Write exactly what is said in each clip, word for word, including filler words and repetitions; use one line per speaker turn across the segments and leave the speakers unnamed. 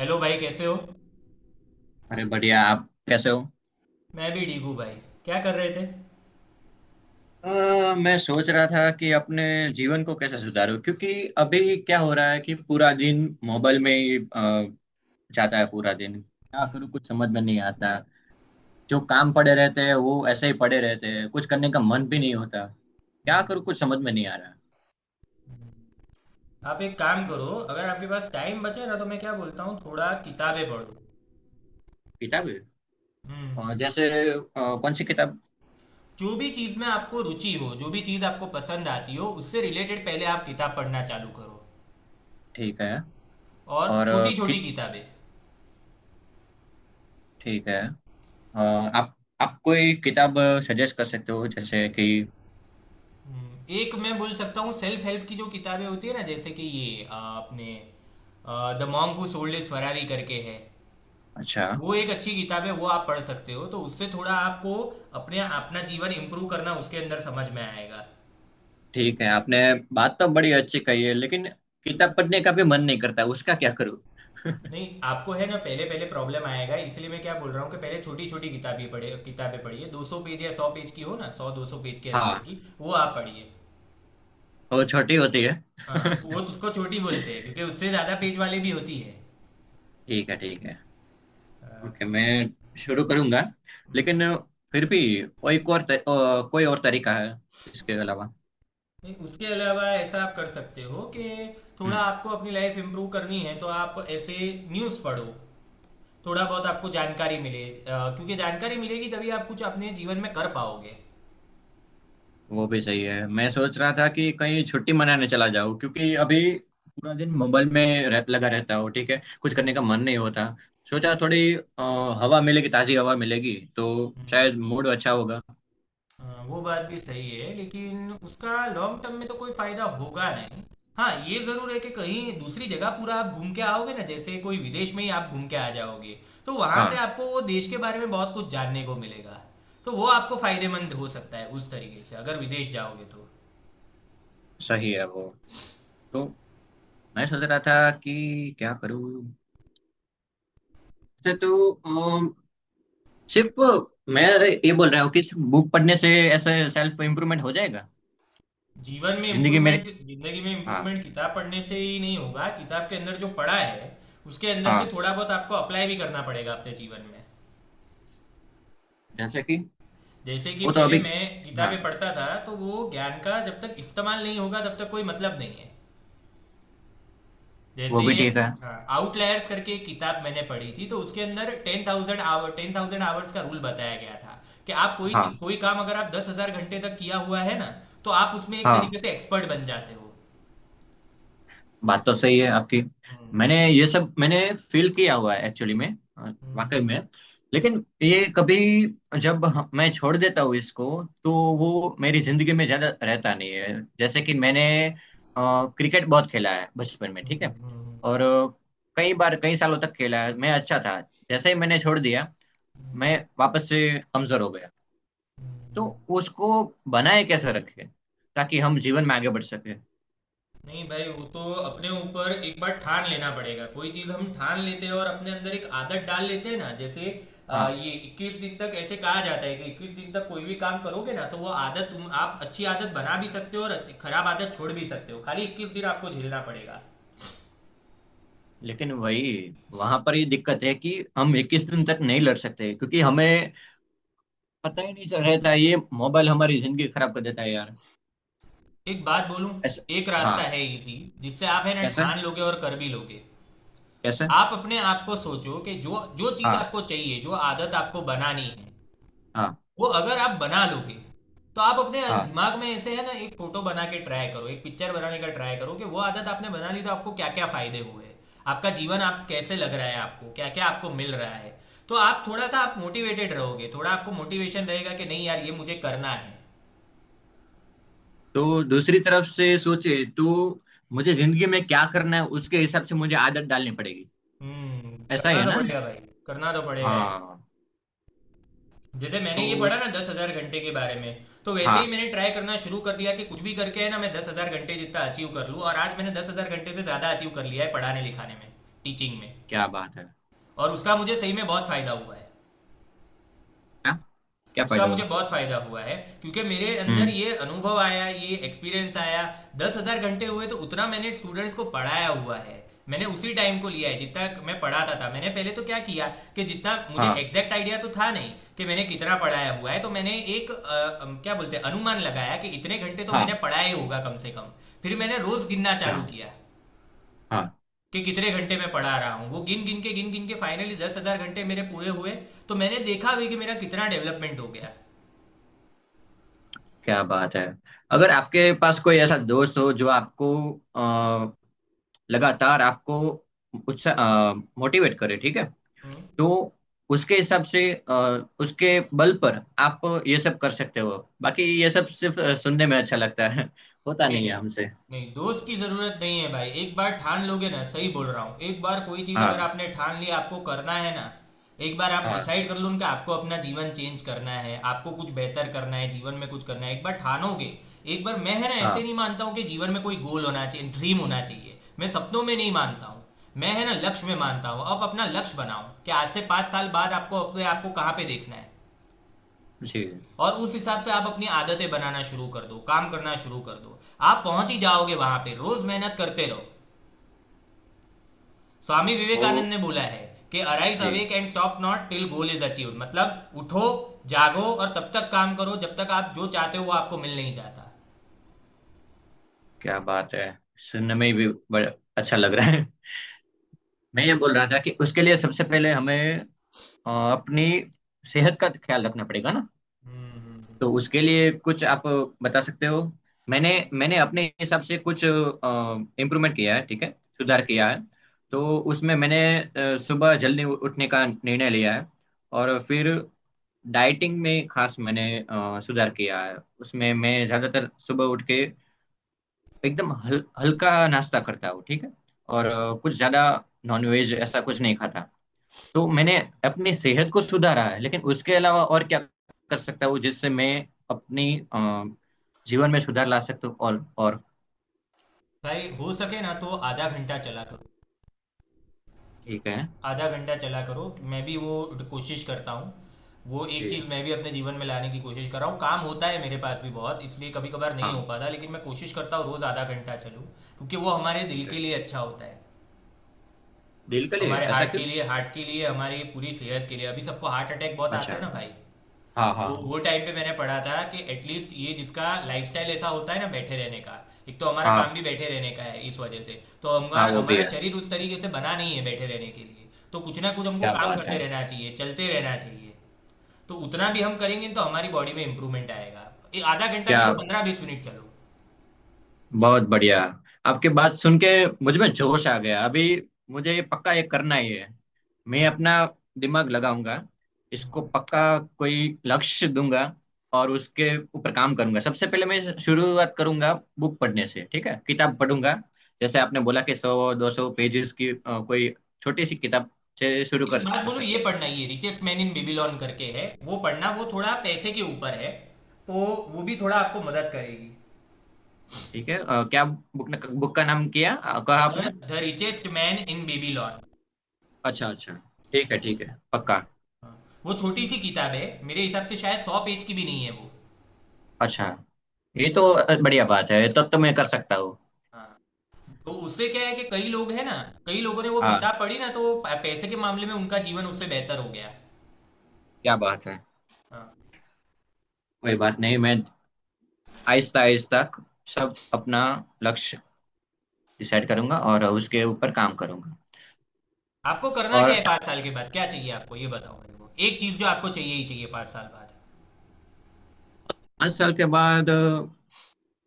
Hello भाई, कैसे हो?
अरे बढ़िया, आप कैसे हो।
मैं भी ठीक हूँ भाई। क्या कर रहे थे?
अ, मैं सोच रहा था कि अपने जीवन को कैसे सुधारूं, क्योंकि अभी क्या हो रहा है कि पूरा दिन मोबाइल में ही अ, जाता है। पूरा दिन क्या करूं, कुछ
हम्म।
समझ में नहीं आता। जो काम पड़े रहते हैं वो ऐसे ही पड़े रहते हैं, कुछ करने का मन भी नहीं होता। क्या करूं, कुछ समझ में नहीं आ रहा।
आप एक काम
उसमें।
करो। अगर आपके पास टाइम बचे ना, तो मैं क्या बोलता हूँ, थोड़ा किताबें पढ़ो।
किताब है? अ,
हम्म।
जैसे अ, कौन सी किताब?
जो भी चीज़ में आपको रुचि हो, जो भी चीज़ आपको पसंद आती हो, उससे रिलेटेड पहले आप किताब पढ़ना चालू करो।
ठीक है।
और
और अ,
छोटी छोटी
कित
किताबें।
ठीक है। अ, आप आप कोई किताब सजेस्ट कर सकते हो, जैसे कि?
हम्म। एक मैं बोल सकता हूँ, सेल्फ हेल्प की जो किताबें होती है ना, जैसे कि ये अ, अपने the monk who sold his Ferrari करके है।
अच्छा।
वो एक अच्छी किताब है, वो आप पढ़ सकते हो, तो उससे थोड़ा आपको अपने अपना जीवन इम्प्रूव करना उसके अंदर समझ में आएगा।
ठीक है, आपने बात तो बड़ी अच्छी कही है, लेकिन किताब पढ़ने का भी मन नहीं करता, उसका क्या करूं?
नहीं, आपको है ना, पहले पहले प्रॉब्लम आएगा, इसलिए मैं क्या बोल रहा हूँ कि पहले छोटी छोटी किताबें पढ़े, किताबें पढ़िए दो सौ पेज या सौ पेज की हो ना, सौ दो सौ पेज के अंदर
हाँ।
की वो आप पढ़िए।
वो छोटी होती है।
हाँ, वो तो उसको छोटी बोलते हैं क्योंकि उससे ज़्यादा पेज वाली भी होती है।
ठीक है, ठीक है।
हाँ।
ओके, मैं शुरू करूंगा। लेकिन
हम्म।
फिर भी कोई और तर, अ, कोई और तरीका है इसके अलावा?
नहीं, उसके अलावा ऐसा आप कर सकते हो कि थोड़ा
हम्म।
आपको अपनी लाइफ इम्प्रूव करनी है तो आप ऐसे न्यूज़ पढ़ो, थोड़ा बहुत आपको जानकारी मिले, अ, क्योंकि जानकारी मिलेगी तभी आप कुछ अपने जीवन में कर पाओगे।
वो भी सही है, मैं सोच रहा था कि कहीं छुट्टी मनाने चला जाऊं, क्योंकि अभी पूरा दिन मोबाइल में रह, लगा रहता हूँ, ठीक है। कुछ करने का
हम्म।
मन नहीं होता। सोचा थोड़ी अ, हवा मिलेगी, ताजी हवा मिलेगी तो शायद
हम्म।
मूड अच्छा होगा।
अ, वो बात भी सही है, लेकिन उसका लॉन्ग टर्म में तो कोई फायदा होगा नहीं। हाँ, ये जरूर है कि कहीं दूसरी जगह पूरा आप घूम के आओगे ना, जैसे कोई विदेश में ही आप घूम के आ जाओगे, तो वहां से
हाँ,
आपको वो देश के बारे में बहुत कुछ जानने को मिलेगा। तो वो आपको फायदेमंद हो सकता है उस तरीके से, अगर विदेश जाओगे तो।
सही है वो। तो मैं सोच रहा था कि क्या करूँ। वैसे तो अम, सिर्फ मैं ये बोल रहा हूँ कि सिर्फ बुक पढ़ने से ऐसे सेल्फ इम्प्रूवमेंट हो जाएगा?
जीवन में
जिंदगी
इम्प्रूवमेंट,
मेरी।
जिंदगी में
हाँ।
इम्प्रूवमेंट, किताब पढ़ने से ही नहीं होगा, किताब के अंदर जो पढ़ा है उसके अंदर से
हाँ,
थोड़ा बहुत आपको अप्लाई भी करना पड़ेगा अपने जीवन में।
जैसे कि।
जैसे कि
वो तो
पहले
अभी।
मैं किताबें
हाँ,
पढ़ता था, तो वो ज्ञान का जब तक इस्तेमाल नहीं होगा तब तक कोई मतलब नहीं है।
वो
जैसे
भी ठीक है।
आउटलायर्स करके एक किताब मैंने पढ़ी थी, तो उसके अंदर ten thousand hour ten thousand hours का रूल बताया गया था कि आप कोई
हाँ।
चीज- कोई काम अगर आप दस हजार घंटे तक किया हुआ है ना, तो आप उसमें एक तरीके
हाँ,
से एक्सपर्ट बन जाते हो।
बात तो सही है आपकी।
हम्म।
मैंने ये सब, मैंने फील किया हुआ है एक्चुअली में, अ,
हम्म।
वाकई में। लेकिन ये कभी, जब हम- मैं छोड़ देता हूँ इसको तो वो मेरी जिंदगी में ज्यादा रहता नहीं है। जैसे कि मैंने क्रिकेट बहुत खेला है बचपन में,
हम्म।
ठीक है।
हम्म।
और अ, कई बार, कई सालों तक खेला है, मैं अच्छा था। जैसे ही मैंने छोड़ दिया, मैं वापस से कमजोर हो गया। तो उसको बनाए कैसे रखें ताकि हम जीवन में आगे बढ़ सके।
नहीं भाई, वो तो अपने ऊपर एक बार ठान लेना पड़ेगा। कोई चीज हम ठान लेते हैं और अपने अंदर एक आदत डाल लेते हैं ना, जैसे आ,
हाँ।
ये इक्कीस दिन तक ऐसे कहा जाता है कि इक्कीस दिन तक कोई भी काम करोगे ना तो वो आदत तुम आप अच्छी आदत बना भी सकते हो और अच्छी- खराब आदत छोड़ भी सकते हो, खाली इक्कीस दिन आपको झेलना पड़ेगा।
लेकिन वही वहां पर ये दिक्कत है कि हम इक्कीस दिन तक नहीं लड़ सकते, क्योंकि हमें पता ही नहीं चल रहता है, तो ये मोबाइल हमारी जिंदगी खराब कर देता है, यार।
एक बात बोलूं,
ऐसे।
एक
हाँ।
रास्ता है इजी जिससे आप है ना
कैसे,
ठान लोगे और कर भी लोगे।
कैसे?
आप अपने आप को सोचो कि जो जो चीज
हाँ।
आपको चाहिए, जो आदत आपको बनानी है,
हाँ।
वो अगर आप बना लोगे, तो आप अपने
हाँ।
दिमाग में ऐसे है ना एक फोटो बना के ट्राई करो, एक पिक्चर बनाने का ट्राई करो कि वो आदत आपने बना ली तो आपको क्या क्या फायदे हुए, आपका जीवन आप कैसे लग रहा है, आपको क्या क्या आपको मिल रहा है। तो आप थोड़ा सा आप मोटिवेटेड रहोगे, थोड़ा आपको मोटिवेशन रहेगा कि नहीं यार ये मुझे करना है।
तो दूसरी तरफ से सोचे तो मुझे जिंदगी में क्या करना है उसके हिसाब से मुझे आदत डालनी पड़ेगी,
हम्म,
ऐसा ही
करना
है
तो
ना?
पड़ेगा भाई। करना तो पड़ेगा ऐसे।
हाँ।
जैसे मैंने
तो
ये पढ़ा
उस।
ना दस हजार घंटे के बारे में, तो वैसे ही
हाँ।
मैंने ट्राई करना शुरू कर दिया कि कुछ भी करके है ना, मैं दस हजार घंटे जितना अचीव कर लूँ, और आज मैंने दस हजार घंटे से ज़्यादा अचीव कर लिया है, पढ़ाने लिखाने में, टीचिंग में।
क्या बात है।
और उसका मुझे सही में बहुत फायदा हुआ है।
हाँ, क्या
उसका
फायदा
मुझे
हुआ?
बहुत फायदा हुआ है क्योंकि मेरे अंदर
हम्म।
ये अनुभव आया, ये एक्सपीरियंस आया। दस हजार घंटे हुए तो उतना मैंने स्टूडेंट्स को पढ़ाया हुआ है। मैंने उसी टाइम को लिया है जितना मैं पढ़ाता था। मैंने पहले तो क्या किया कि जितना मुझे
हाँ।
एग्जैक्ट आइडिया तो था नहीं कि मैंने कितना पढ़ाया हुआ है, तो मैंने एक अ, अम, क्या बोलते हैं अनुमान लगाया कि इतने घंटे तो मैंने
हाँ।
पढ़ाया ही होगा कम से कम। फिर मैंने रोज गिनना
अच्छा।
चालू किया
हाँ,
कि कितने घंटे मैं पढ़ा रहा हूँ, वो गिन गिन के गिन गिन के फाइनली दस हजार घंटे मेरे पूरे हुए। तो मैंने देखा भी कि मेरा कितना डेवलपमेंट हो गया।
क्या बात है। अगर आपके पास कोई ऐसा दोस्त हो जो आपको अ, लगातार आपको उत्साह, मोटिवेट करे, ठीक है।
हम्म।
तो उसके हिसाब से अ, उसके बल पर आप ये सब कर सकते हो, बाकी ये सब सिर्फ अ, सुनने में अच्छा लगता है होता नहीं
नहीं
है हमसे।
नहीं, दोस्त की जरूरत नहीं है भाई, एक बार ठान लोगे ना, सही बोल रहा हूँ, एक बार कोई चीज अगर
हाँ।
आपने ठान ली आपको करना है ना। एक बार आप
हाँ।
डिसाइड कर लो उनका आपको अपना जीवन चेंज करना है, आपको कुछ बेहतर करना है, जीवन में कुछ करना है, एक बार ठानोगे। एक बार मैं है ना ऐसे
हाँ।
नहीं मानता हूँ कि जीवन में कोई गोल होना चाहिए, ड्रीम होना चाहिए। मैं सपनों में नहीं मानता हूँ। मैं है ना लक्ष्य में मानता हूँ। अब अपना लक्ष्य बनाओ कि आज से पाँच साल बाद आपको अपने आपको कहाँ पे देखना है,
जी।
और उस हिसाब से आप अपनी आदतें बनाना शुरू कर दो, काम करना शुरू कर दो। आप पहुंच ही जाओगे वहां पे, रोज मेहनत करते रहो। स्वामी
वो।
विवेकानंद ने बोला है कि अराइज
जी,
awake and stop not till goal is achieve, मतलब उठो जागो, और तब तक काम करो जब तक आप जो चाहते हो वो आपको मिल नहीं जाता।
क्या बात है। सुनने में भी बड़ा अच्छा लग रहा है। मैं ये बोल रहा था कि उसके लिए सबसे पहले हमें अ, अपनी सेहत का ख्याल रखना पड़ेगा ना।
हम्म। हम्म। हम्म।
तो उसके लिए कुछ आप बता सकते हो? मैंने मैंने अपने हिसाब से कुछ इम्प्रूवमेंट किया है, ठीक है, सुधार
हम्म।
किया है। तो उसमें मैंने अ, सुबह जल्दी उ- उठने का निर्णय लिया है। और फिर डाइटिंग में खास मैंने अ, सुधार किया है, उसमें मैं ज़्यादातर सुबह उठ के एकदम हल, हल्का नाश्ता करता हूँ, ठीक है। और अ, कुछ ज़्यादा नॉनवेज ऐसा कुछ नहीं खाता। तो मैंने अपनी सेहत को सुधारा है, लेकिन उसके अलावा और क्या कर सकता हूँ जिससे मैं अपनी अ, जीवन में सुधार ला सकता हूँ? और और।
भाई हो सके ना तो आधा घंटा चला करो।
ठीक है।
आधा घंटा चला करो, मैं भी वो कोशिश करता हूँ। वो एक
जी।
चीज़ मैं भी अपने जीवन में लाने की कोशिश कर रहा हूँ, काम होता है मेरे पास भी बहुत, इसलिए कभी कभार नहीं हो
हाँ।
पाता, लेकिन मैं कोशिश करता हूँ रोज़ आधा घंटा चलूँ। क्योंकि वो हमारे दिल
ओके,
के लिए अच्छा होता है।
दिल के लिए
हमारे
ऐसा
हार्ट के
क्यों?
लिए, हार्ट के लिए, हमारी पूरी सेहत के लिए। अभी सबको हार्ट अटैक बहुत आते
अच्छा।
हैं ना भाई।
हाँ,
तो
हाँ।
वो टाइम पे मैंने पढ़ा था कि एटलीस्ट ये जिसका लाइफस्टाइल ऐसा होता है ना, बैठे रहने का, एक तो हमारा काम
हाँ,
भी बैठे रहने का है इस वजह से, तो
हाँ
हमारा
वो भी
हमारा
है।
शरीर उस तरीके से बना नहीं है बैठे रहने के लिए, तो कुछ ना कुछ हमको
क्या
काम
बात
करते
है।
रहना चाहिए, चलते रहना चाहिए। तो उतना भी हम करेंगे तो हमारी बॉडी में इंप्रूवमेंट आएगा। ये आधा घंटा
क्या
नहीं तो पंद्रह बीस मिनट चलो।
बहुत बढ़िया। आपकी बात सुन के मुझ में जोश आ गया अभी। मुझे ये पक्का, ये करना ही है। मैं अपना दिमाग लगाऊंगा, इसको पक्का कोई लक्ष्य दूंगा और उसके ऊपर काम करूंगा। सबसे पहले मैं शुरुआत करूंगा बुक पढ़ने से, ठीक है, किताब पढ़ूंगा। जैसे आपने बोला कि सौ दो सौ पेजेस की अ, कोई छोटी सी किताब से शुरू
एक
कर,
बात
कर
बोलो,
सकते
ये
हैं।
पढ़ना, ये रिचेस्ट मैन इन बेबीलोन करके है, वो पढ़ना, वो थोड़ा पैसे के ऊपर है, तो वो भी थोड़ा आपको मदद करेगी।
ठीक है। अ, क्या बुक ने, बुक का नाम किया, अ, कहा आपने?
The richest man in Babylon.
अच्छा, अच्छा। ठीक है, ठीक है, पक्का।
वो छोटी सी किताब है, मेरे हिसाब से शायद सौ पेज की भी नहीं है वो।
अच्छा। ये तो बढ़िया बात है, तब तो मैं कर सकता हूँ।
हाँ, तो उससे क्या है कि कई लोग हैं ना, कई लोगों ने वो
हाँ,
किताब पढ़ी ना, तो प- पैसे के मामले में उनका जीवन उससे बेहतर हो गया।
क्या बात है।
हाँ।
कोई बात नहीं, मैं आहिस्ता आहिस्ता सब अपना लक्ष्य डिसाइड करूंगा और उसके ऊपर काम करूंगा।
आपको करना क्या
और
है पाँच साल के बाद, क्या चाहिए आपको ये बताओ मेरे को एक चीज जो आपको चाहिए ही चाहिए पाँच साल बाद।
पाँच साल के बाद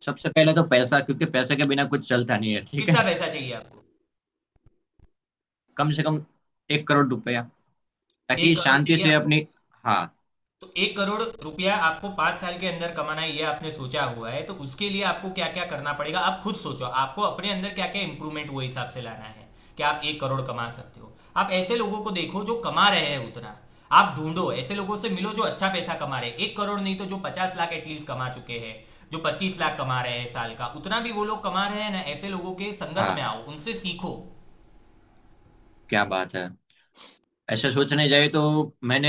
सबसे पहले तो पैसा, क्योंकि पैसे के बिना कुछ चलता नहीं है, ठीक
कितना
है।
पैसा चाहिए आपको?
कम से कम एक करोड़ रुपया, ताकि
एक करोड़
शांति
चाहिए
से
आपको?
अपनी। हाँ।
तो एक करोड़ रुपया आपको पांच साल के अंदर कमाना है, ये आपने सोचा हुआ है, तो उसके लिए आपको क्या क्या करना पड़ेगा आप खुद सोचो, आपको अपने अंदर क्या क्या इंप्रूवमेंट वो हिसाब से लाना है कि आप एक करोड़ कमा सकते हो। आप ऐसे लोगों को देखो जो कमा रहे हैं उतना। आप ढूंढो, ऐसे लोगों से मिलो जो अच्छा पैसा कमा रहे हैं, एक करोड़ नहीं तो जो पचास लाख एटलीस्ट कमा चुके हैं, जो पच्चीस लाख कमा रहे हैं साल का, उतना भी वो लोग कमा रहे हैं ना, ऐसे लोगों के संगत में
हाँ,
आओ, उनसे सीखो।
क्या बात है। ऐसा सोचने जाए तो मैंने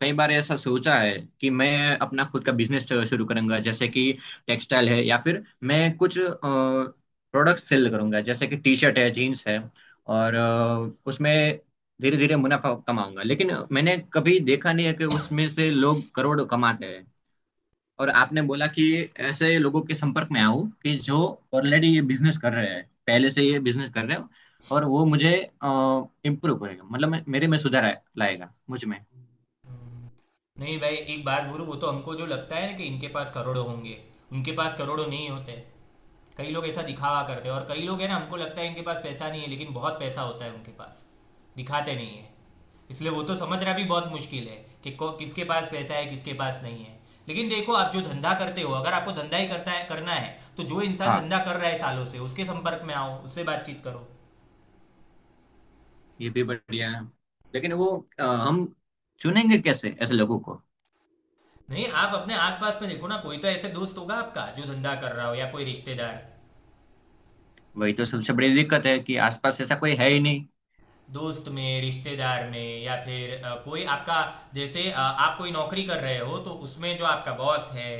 कई बार ऐसा सोचा है कि मैं अपना खुद का बिजनेस शुरू करूंगा, जैसे कि टेक्सटाइल है, या फिर मैं कुछ प्रोडक्ट्स सेल करूंगा, जैसे कि टी शर्ट है, जीन्स है। और अ, उसमें धीरे धीरे मुनाफा कमाऊंगा। लेकिन मैंने कभी देखा नहीं है कि उसमें से लोग करोड़ कमाते हैं। और आपने बोला कि ऐसे लोगों के संपर्क में आओ, कि जो ऑलरेडी ये बिजनेस कर रहे हैं, पहले से ये बिजनेस कर रहे हो। और वो मुझे इम्प्रूव करेगा, मतलब मैं- मेरे में सुधार आए- लाएगा, मुझ में।
नहीं भाई, एक बात बोलूं, वो तो हमको जो लगता है ना कि इनके पास करोड़ों होंगे, उनके पास करोड़ों नहीं होते। कई लोग ऐसा दिखावा करते हैं, और कई लोग हैं ना हमको लगता है इनके पास पैसा नहीं है, लेकिन बहुत पैसा होता है उनके पास, दिखाते नहीं है। इसलिए वो तो समझना भी बहुत मुश्किल है कि को- किसके पास पैसा है किसके पास नहीं है। लेकिन देखो, आप जो धंधा करते हो, अगर आपको धंधा ही करता है करना है, तो जो इंसान
हाँ,
धंधा कर रहा है सालों से उसके संपर्क में आओ, उससे बातचीत करो।
ये भी बढ़िया है। लेकिन वो अ, हम चुनेंगे कैसे ऐसे लोगों को?
नहीं, आप अपने आसपास में देखो ना, कोई तो ऐसे दोस्त होगा आपका जो धंधा कर रहा हो या कोई रिश्तेदार,
वही तो सबसे बड़ी दिक्कत है कि आसपास ऐसा कोई है ही नहीं।
दोस्त में, रिश्तेदार में, या फिर अ, कोई आपका, जैसे अ, आप कोई नौकरी कर रहे हो तो उसमें जो आपका बॉस है,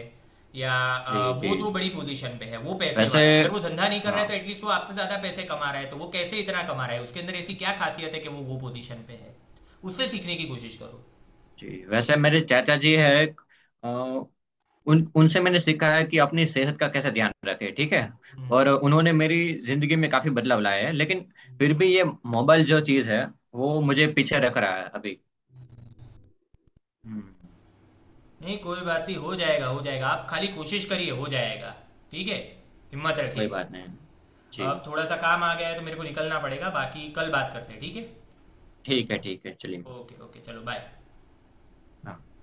या
जी,
अ,
जी।
वो जो बड़ी पोजीशन पे है, वो पैसे
वैसे।
वाला है, अगर वो धंधा नहीं कर रहा
हाँ।
है तो एटलीस्ट वो आपसे ज्यादा पैसे कमा रहा है, तो वो कैसे इतना कमा रहा है, उसके अंदर ऐसी क्या खासियत है कि वो वो पोजीशन पे है। उससे सीखने की कोशिश करो।
जी, वैसे मेरे चाचा जी है। उन उनसे मैंने सीखा है कि अपनी सेहत का कैसे ध्यान रखें, ठीक है।
हम्म।
और उन्होंने मेरी जिंदगी में काफी बदलाव लाए हैं। लेकिन फिर भी ये मोबाइल जो चीज है वो मुझे पीछे रख रहा है अभी। हम्म।
नहीं कोई बात नहीं, हो जाएगा, हो जाएगा, आप खाली कोशिश करिए, हो जाएगा। ठीक है, हिम्मत
कोई
रखिएगा।
बात नहीं, जी।
अब थोड़ा सा काम आ गया है तो मेरे को निकलना पड़ेगा, बाकी कल बात करते हैं, ठीक है।
ठीक है, ठीक है, चलिए।
ओके ओके, चलो बाय।
हाँ।